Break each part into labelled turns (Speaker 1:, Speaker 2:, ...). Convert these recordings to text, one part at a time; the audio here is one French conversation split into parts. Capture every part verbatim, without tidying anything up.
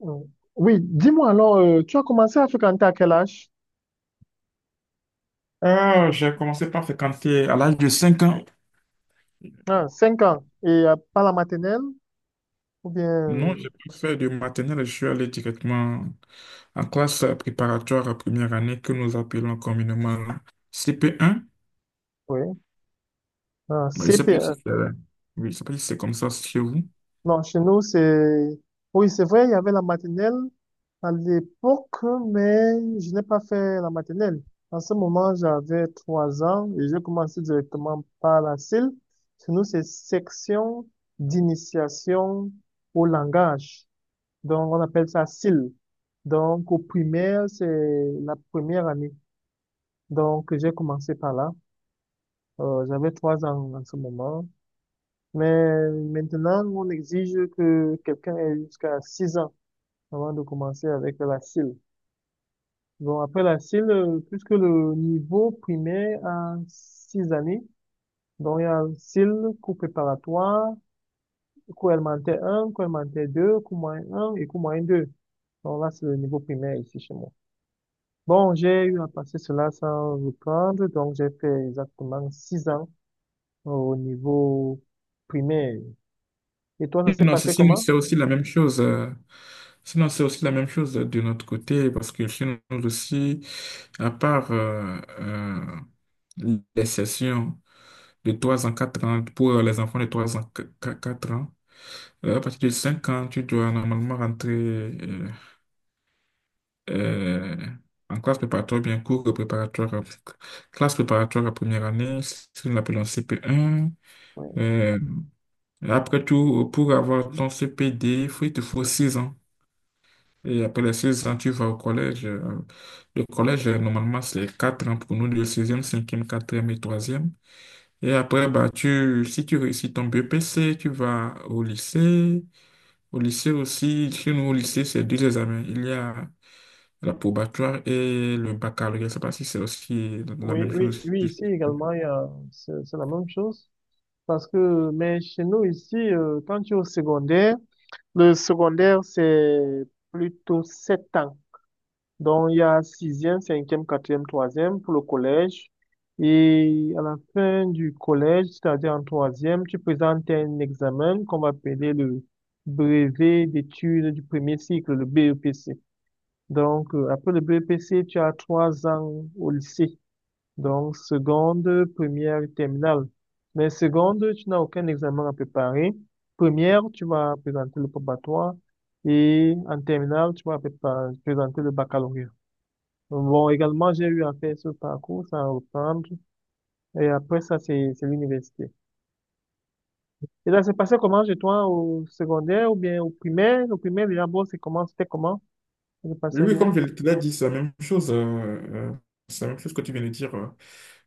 Speaker 1: Mm. Oui, dis-moi alors, euh, tu as commencé à fréquenter à quel âge?
Speaker 2: Ah, j'ai commencé par fréquenter à l'âge de cinq ans.
Speaker 1: Ah, cinq ans. Et euh, pas la maternelle? Ou bien,
Speaker 2: Non, j'ai
Speaker 1: euh,
Speaker 2: pas fait de maternelle, je suis allé directement en classe préparatoire à première année que nous appelons communément C P un.
Speaker 1: oui, ah,
Speaker 2: Bon, je sais
Speaker 1: C P.
Speaker 2: pas
Speaker 1: euh,
Speaker 2: si c'est euh, oui, je sais pas si c'est comme ça chez vous.
Speaker 1: Non, chez nous, c'est... Oui, c'est vrai, il y avait la maternelle à l'époque, mais je n'ai pas fait la maternelle. En ce moment, j'avais trois ans et j'ai commencé directement par la C I L. Chez nous, c'est section d'initiation au langage. Donc, on appelle ça S I L. Donc, au primaire, c'est la première année. Donc, j'ai commencé par là. Euh, j'avais trois ans en ce moment. Mais maintenant, on exige que quelqu'un ait jusqu'à six ans avant de commencer avec la S I L. Bon, après la S I L, euh, puisque le niveau primaire a six années, donc il y a S I L, cours préparatoire, cours élémentaire un, cours élémentaire deux, cours moyen un et cours moyen deux. Donc là, c'est le niveau primaire ici chez moi. Bon, j'ai eu à passer cela sans reprendre, donc j'ai fait exactement six ans au niveau primaire. Et toi, ça s'est
Speaker 2: Non, c'est
Speaker 1: passé
Speaker 2: sinon,
Speaker 1: comment?
Speaker 2: c'est aussi la même chose. euh, Sinon, c'est aussi la même chose de notre côté parce que chez nous aussi, à part euh, euh, les sessions de trois ans, quatre ans pour les enfants de trois ans, quatre ans. Euh, À partir de cinq ans, tu dois normalement rentrer euh, euh, en classe préparatoire, bien cours préparatoire, à- classe préparatoire à première année, ce que nous appelons C P un.
Speaker 1: Oui,
Speaker 2: Euh, et après tout, pour avoir ton C P D, il faut- il te faut six ans. Et après les six ans, tu vas au collège. Euh, Le collège, euh, normalement, c'est quatre ans pour nous, le sixième, cinquième, quatrième et troisième. Et après, bah, tu, si tu réussis ton B P C, tu vas au lycée. Au lycée aussi, chez nous au lycée, c'est deux examens. Il y a la probatoire et le baccalauréat. Je ne sais pas si c'est aussi la
Speaker 1: oui,
Speaker 2: même
Speaker 1: oui,
Speaker 2: chose
Speaker 1: oui,
Speaker 2: aussi.
Speaker 1: ici également, il y a- c'est c'est la même chose. Parce que, mais chez nous ici, euh, quand tu es au secondaire, le secondaire, c'est plutôt sept ans. Donc, il y a sixième, cinquième, quatrième, troisième pour le collège. Et à la fin du collège, c'est-à-dire en troisième, tu présentes un examen qu'on va appeler le brevet d'études du premier cycle, le B E P C. Donc, euh, après le B E P C, tu as trois ans au lycée. Donc, seconde, première et terminale. Mais seconde, tu n'as aucun examen à préparer. Première, tu vas présenter le probatoire. Et en terminale, tu vas prépa- présenter le baccalauréat. Bon, également, j'ai eu à faire ce parcours, ça à reprendre. Et après ça, c'est c'est l'université. Et là, c'est passé comment chez toi, au secondaire ou bien au primaire? Au primaire, déjà, bon, c'est comment, c'était comment? Ça se
Speaker 2: Oui,
Speaker 1: passait
Speaker 2: oui,
Speaker 1: bien.
Speaker 2: comme je te l'ai dit, c'est la même chose. euh, euh, c'est la même chose que tu viens de dire. euh.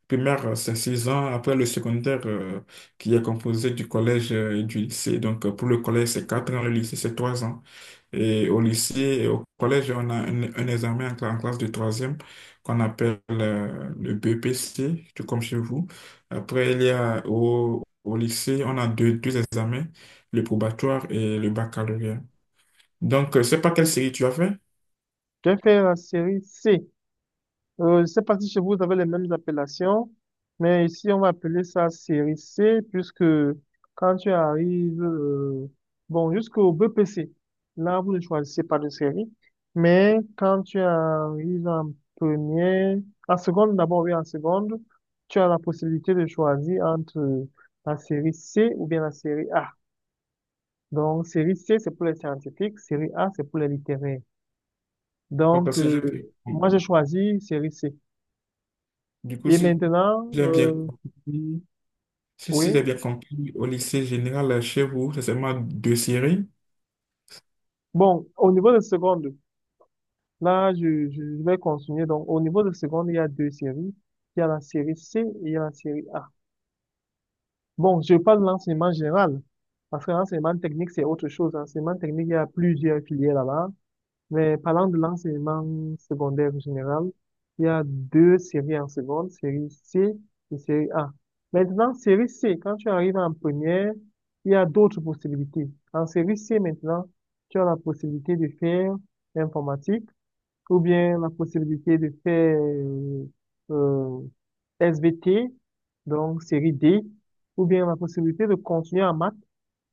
Speaker 2: Primaire, euh, c'est six ans. Après le secondaire, euh, qui est composé du collège euh, et du lycée. Donc, euh, pour le collège, c'est quatre ans, le lycée, c'est trois ans. Et au lycée et au collège, on a un, un examen en, cla- en classe de troisième qu'on appelle euh, le B P C, tout comme chez vous. Après, il y a au, au lycée, on a deux, deux examens, le probatoire et le baccalauréat. Donc, euh, je sais pas quelle série tu as fait.
Speaker 1: Tu as fait la série C. Euh, je ne sais pas si chez vous, vous avez les mêmes appellations, mais ici, on va appeler ça série C, puisque quand tu arrives, euh, bon, jusqu'au B P C, là, vous ne choisissez pas de série, mais quand tu arrives en première, en seconde, d'abord, oui, en seconde, tu as la possibilité de choisir entre la série C ou bien la série A. Donc, série C, c'est pour les scientifiques, série A, c'est pour les littéraires.
Speaker 2: Donc,
Speaker 1: Donc,
Speaker 2: si j'ai- bien
Speaker 1: euh,
Speaker 2: compris-
Speaker 1: moi, j'ai choisi série C.
Speaker 2: du coup,
Speaker 1: Et
Speaker 2: si
Speaker 1: maintenant,
Speaker 2: j'ai bien
Speaker 1: euh,
Speaker 2: compris, si, si
Speaker 1: oui.
Speaker 2: j'ai bien compris, au lycée général euh, chez vous, c'est seulement deux séries.
Speaker 1: Bon, au niveau de seconde, là, je, je je vais continuer. Donc, au niveau de seconde, il y a deux séries. Il y a la série C et il y a la série A. Bon, je parle de l'enseignement général. Parce que l'enseignement technique, c'est autre chose. L'enseignement technique, il y a plusieurs filières là-bas. Mais parlant de l'enseignement secondaire en général, il y a deux séries en seconde, série C et série A. Maintenant, série C, quand tu arrives en première, il y a d'autres possibilités. En série C, maintenant, tu as la possibilité de faire informatique ou bien la possibilité de faire euh, euh, S V T, donc série D, ou bien la possibilité de continuer en maths.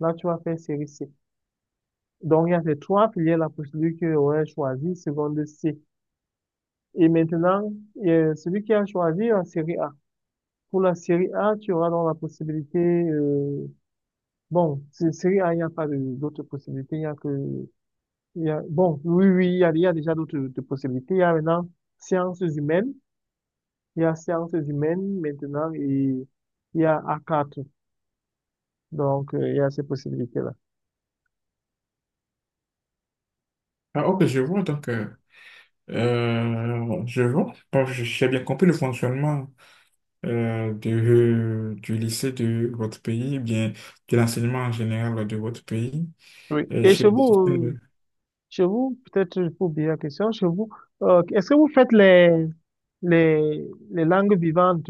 Speaker 1: Là, tu vas faire série C. Donc, il y a ces trois filières, la procédure que aurait choisi, seconde C. Et maintenant, euh, celui qui a choisi la série A. Pour la série A, tu auras donc la possibilité, euh, bon, c'est- série A, il n'y a pas de- d'autres possibilités, il n'y a que, il y a, bon, oui, oui, il y a, il y a déjà d'autres d'autres possibilités. Il y a maintenant sciences humaines, il y a sciences humaines maintenant, et il y a A4. Donc, euh, il y a ces possibilités-là.
Speaker 2: Ah, ok, je vois. Donc, euh, euh, je vois. Bon, je- j'ai bien compris le fonctionnement euh, de- du lycée de votre pays, bien de l'enseignement en général de votre pays.
Speaker 1: Oui.
Speaker 2: Et
Speaker 1: Et
Speaker 2: je-
Speaker 1: chez vous, euh, chez vous, peut-être pour oublier la question, chez vous, euh, est-ce que vous faites les, les, les langues vivantes?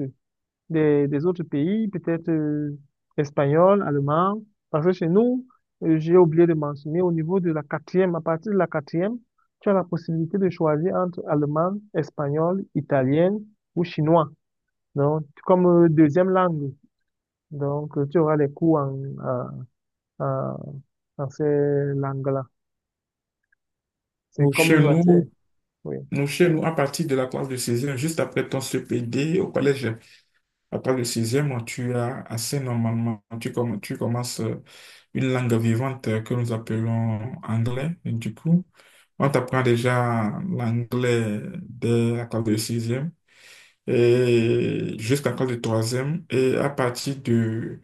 Speaker 1: des, des autres pays, peut-être euh, espagnol, allemand. Parce que chez nous, euh, j'ai oublié de mentionner, au niveau de la quatrième, à partir de la quatrième, tu as la possibilité de choisir entre allemand, espagnol, italien ou chinois. Donc, comme euh, deuxième langue. Donc, euh, tu auras les cours en, en, en, en ces langues-là. C'est
Speaker 2: Nous,
Speaker 1: comme
Speaker 2: chez
Speaker 1: une matière.
Speaker 2: nous,
Speaker 1: Oui,
Speaker 2: nous, chez nous, à partir de la classe de seize juste après ton C P D au collège, à partir de sixième tu as assez normalement, tu, comm- tu commences euh, une langue vivante euh, que nous appelons anglais. Et du coup, on t'apprend déjà l'anglais dès la classe de sixième et jusqu'à la classe de troisième. Et à partir de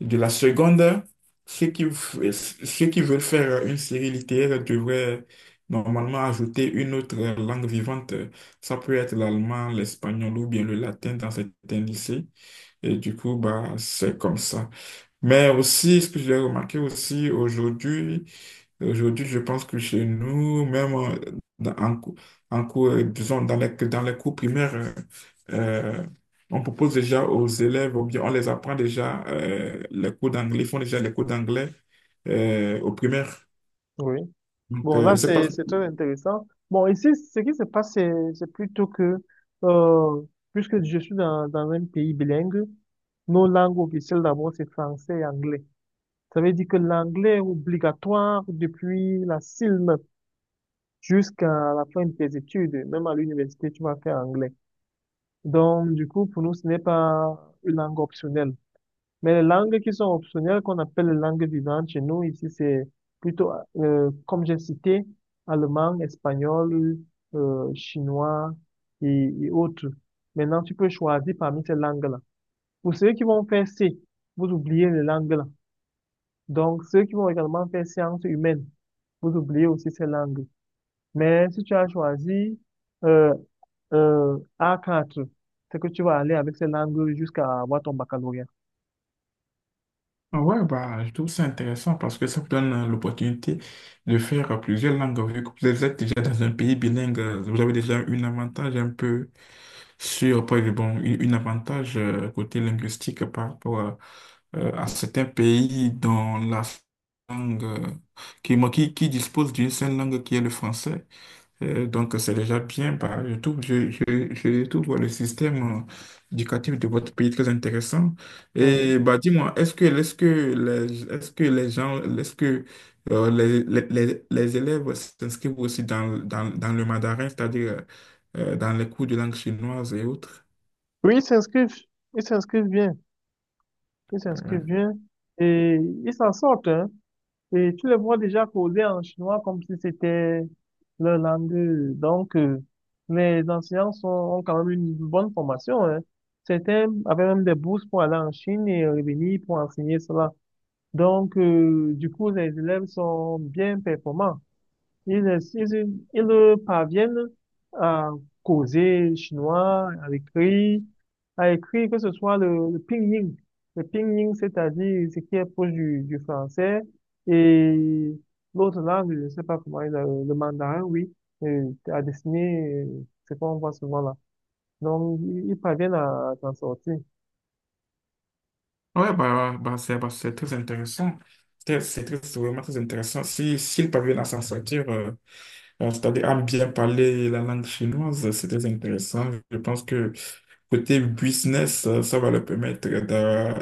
Speaker 2: de la seconde, ceux qui, f- ceux qui veulent faire une série littéraire devraient normalement ajouter une autre langue vivante. Ça peut être l'allemand, l'espagnol ou bien le latin dans certains lycées. Et du coup, bah, c'est comme ça. Mais aussi, ce que j'ai remarqué aussi aujourd'hui, aujourd'hui, je pense que chez nous, même euh, dans- en, cou- en cours, euh, disons, dans les, dans les cours primaires, euh, euh, on propose déjà aux élèves, ou bien on les apprend déjà euh, les cours d'anglais, ils font déjà les cours d'anglais euh, aux primaires.
Speaker 1: oui.
Speaker 2: Donc,
Speaker 1: Bon,
Speaker 2: euh, je
Speaker 1: là,
Speaker 2: sais pas.
Speaker 1: c'est, c'est très intéressant. Bon, ici, ce qui se passe, c'est, c'est plutôt que, euh, puisque je suis dans, dans un pays bilingue, nos langues officielles d'abord, c'est français et anglais. Ça veut dire que l'anglais est obligatoire depuis la C I L M jusqu'à la fin de tes études. Même à l'université, tu vas faire anglais. Donc, du coup, pour nous, ce n'est pas une langue optionnelle. Mais les langues qui sont optionnelles, qu'on appelle les langues vivantes chez nous, ici, c'est plutôt, euh, comme j'ai cité, allemand, espagnol, euh, chinois et, et autres. Maintenant, tu peux choisir parmi ces langues-là. Pour ceux qui vont faire C, vous oubliez les langues-là. Donc, ceux qui vont également faire sciences humaines, vous oubliez aussi ces langues. Mais si tu as choisi euh, euh, A quatre, c'est que tu vas aller avec ces langues jusqu'à avoir ton baccalauréat.
Speaker 2: Ah Ouais, bah, je trouve ça intéressant parce que ça vous donne euh, l'opportunité de faire euh, plusieurs langues. Vu que vous êtes déjà dans un pays bilingue, euh, vous avez déjà un avantage un peu sur, par exemple, bon, une, une avantage euh, côté linguistique par rapport à, euh, à certains pays dont la langue, euh, qui, qui, qui dispose d'une seule langue qui est le français. Euh, donc, c'est déjà bien. Bah, je trouve, je, je, je trouve voilà, le système euh, éducatif de votre pays très intéressant.
Speaker 1: Hmm.
Speaker 2: Et bah, dis-moi, est-ce que, est-ce que les, est-ce que les gens, est-ce que euh, les, les, les- les élèves s'inscrivent aussi dans, dans, dans le mandarin, c'est-à-dire euh, dans les cours de langue chinoise et autres?
Speaker 1: Oui, ils s'inscrivent. Ils s'inscrivent bien. Ils s'inscrivent
Speaker 2: Ouais.
Speaker 1: bien. Et ils s'en sortent, hein. Et tu les vois déjà causer en chinois comme si c'était leur langue. Donc, euh, les enseignants sont, ont quand même une bonne formation. Hein. Certains avaient même des bourses pour aller en Chine et revenir pour enseigner cela. Donc, euh, du coup, les élèves sont bien performants. Ils, ils, ils parviennent à causer chinois, à écrire à écrire que ce soit le, le pinyin. Le pinyin, c'est-à-dire ce qui est proche du, du français, et l'autre langue, je ne sais pas comment, il le, le mandarin, oui, euh, à dessiner, euh, c'est qu'on voit souvent là. Donc, ils ils parviennent à, à s'en sortir.
Speaker 2: Ouais, bah, bah, c'est bah, c'est très intéressant. C'est c'est très- c'est vraiment très intéressant. Si, s'ils parviennent à s'en sortir, euh, Euh, c'est-à-dire à bien parler la langue chinoise, c'est très intéressant. Je pense que côté business, euh, ça va leur permettre d'a-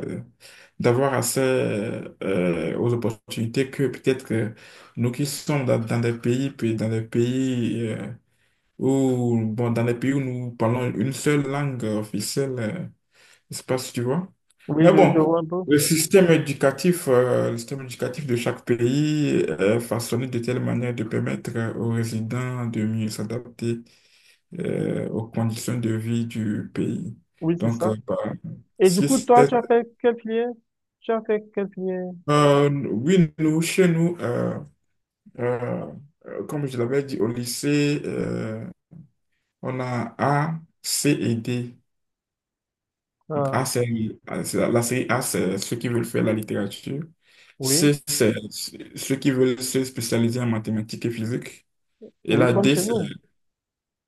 Speaker 2: d'avoir accès euh, aux opportunités que peut-être euh, nous qui sommes dans, dans des pays, puis dans des pays euh, où bon, dans des pays où nous parlons une seule langue officielle. euh, je sais pas si tu vois.
Speaker 1: Oui,
Speaker 2: Mais
Speaker 1: je,
Speaker 2: bon,
Speaker 1: je vois un peu.
Speaker 2: le système éducatif, euh, le système éducatif de chaque pays est façonné de telle manière de permettre aux résidents de mieux s'adapter euh, aux conditions de vie du pays.
Speaker 1: Oui, c'est
Speaker 2: Donc, euh,
Speaker 1: ça.
Speaker 2: bah,
Speaker 1: Et du
Speaker 2: si
Speaker 1: coup, toi,
Speaker 2: c'est,
Speaker 1: tu as fait quelle filière? Tu as fait quelle filière?
Speaker 2: euh, oui, nous, chez nous, euh, euh, euh, comme je l'avais dit au lycée, euh, on a A, C et D.
Speaker 1: Ah,
Speaker 2: A, c'est ah, c'est- la série A, c'est ceux qui veulent faire la littérature. C,
Speaker 1: oui,
Speaker 2: c'est ceux qui veulent se spécialiser en mathématiques et physique. Et
Speaker 1: oui,
Speaker 2: la
Speaker 1: comme
Speaker 2: D,
Speaker 1: chez
Speaker 2: c'est
Speaker 1: nous.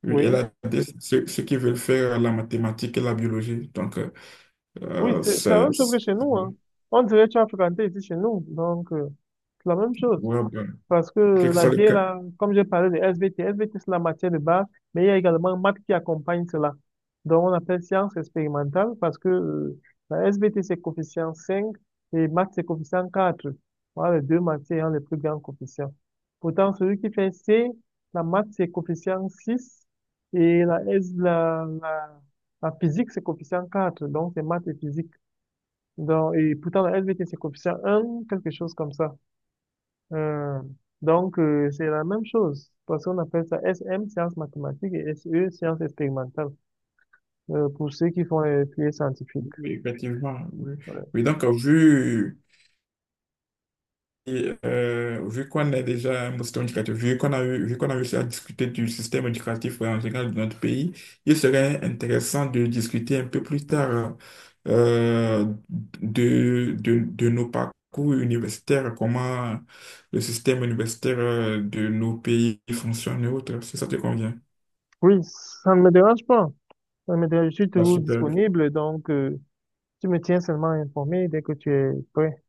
Speaker 2: oui, et
Speaker 1: Oui,
Speaker 2: la D, c'est ceux, ceux qui veulent faire la mathématique et la biologie. Donc, euh,
Speaker 1: oui,
Speaker 2: euh,
Speaker 1: c'est c'est la
Speaker 2: c'est
Speaker 1: même chose que
Speaker 2: c'est-
Speaker 1: chez nous, hein. On dirait que tu as fréquenté ici chez nous, donc euh, c'est la même chose.
Speaker 2: ouais, ouais.
Speaker 1: Parce que
Speaker 2: Quel que
Speaker 1: la
Speaker 2: soit le
Speaker 1: bière,
Speaker 2: cas.
Speaker 1: là, comme j'ai parlé de S V T, S V T, c'est la matière de base, mais il y a également maths qui accompagne cela. Donc, on appelle sciences expérimentales parce que euh, la S V T, c'est coefficient cinq et maths, c'est coefficient quatre. Voilà les deux matières ayant les plus grands coefficients. Pourtant, celui qui fait C, la maths, c'est coefficient six et la, S, la, la, la physique, c'est coefficient quatre. Donc, c'est maths et physique. Donc, et pourtant, la S V T, c'est coefficient un, quelque chose comme ça. Euh, donc, euh, c'est la même chose, parce qu'on appelle ça S M, sciences mathématiques, et S E, sciences expérimentales, euh, pour ceux qui font les filières scientifiques.
Speaker 2: Oui, effectivement. Oui,
Speaker 1: Voilà.
Speaker 2: Oui, donc, euh, vu. Et, euh, vu qu'on est déjà un bon système éducatif, vu qu'on a eu, vu qu'on a réussi à discuter du système éducatif en général de notre pays, il serait intéressant de discuter un peu plus tard euh, de, de, de nos parcours universitaires, comment le système universitaire euh, de nos pays fonctionne et autres, si ça te convient.
Speaker 1: Oui, ça ne me dérange pas. Ça me dérange, je suis
Speaker 2: Bah,
Speaker 1: toujours
Speaker 2: super.
Speaker 1: disponible, donc euh, tu me tiens seulement informé dès que tu es prêt.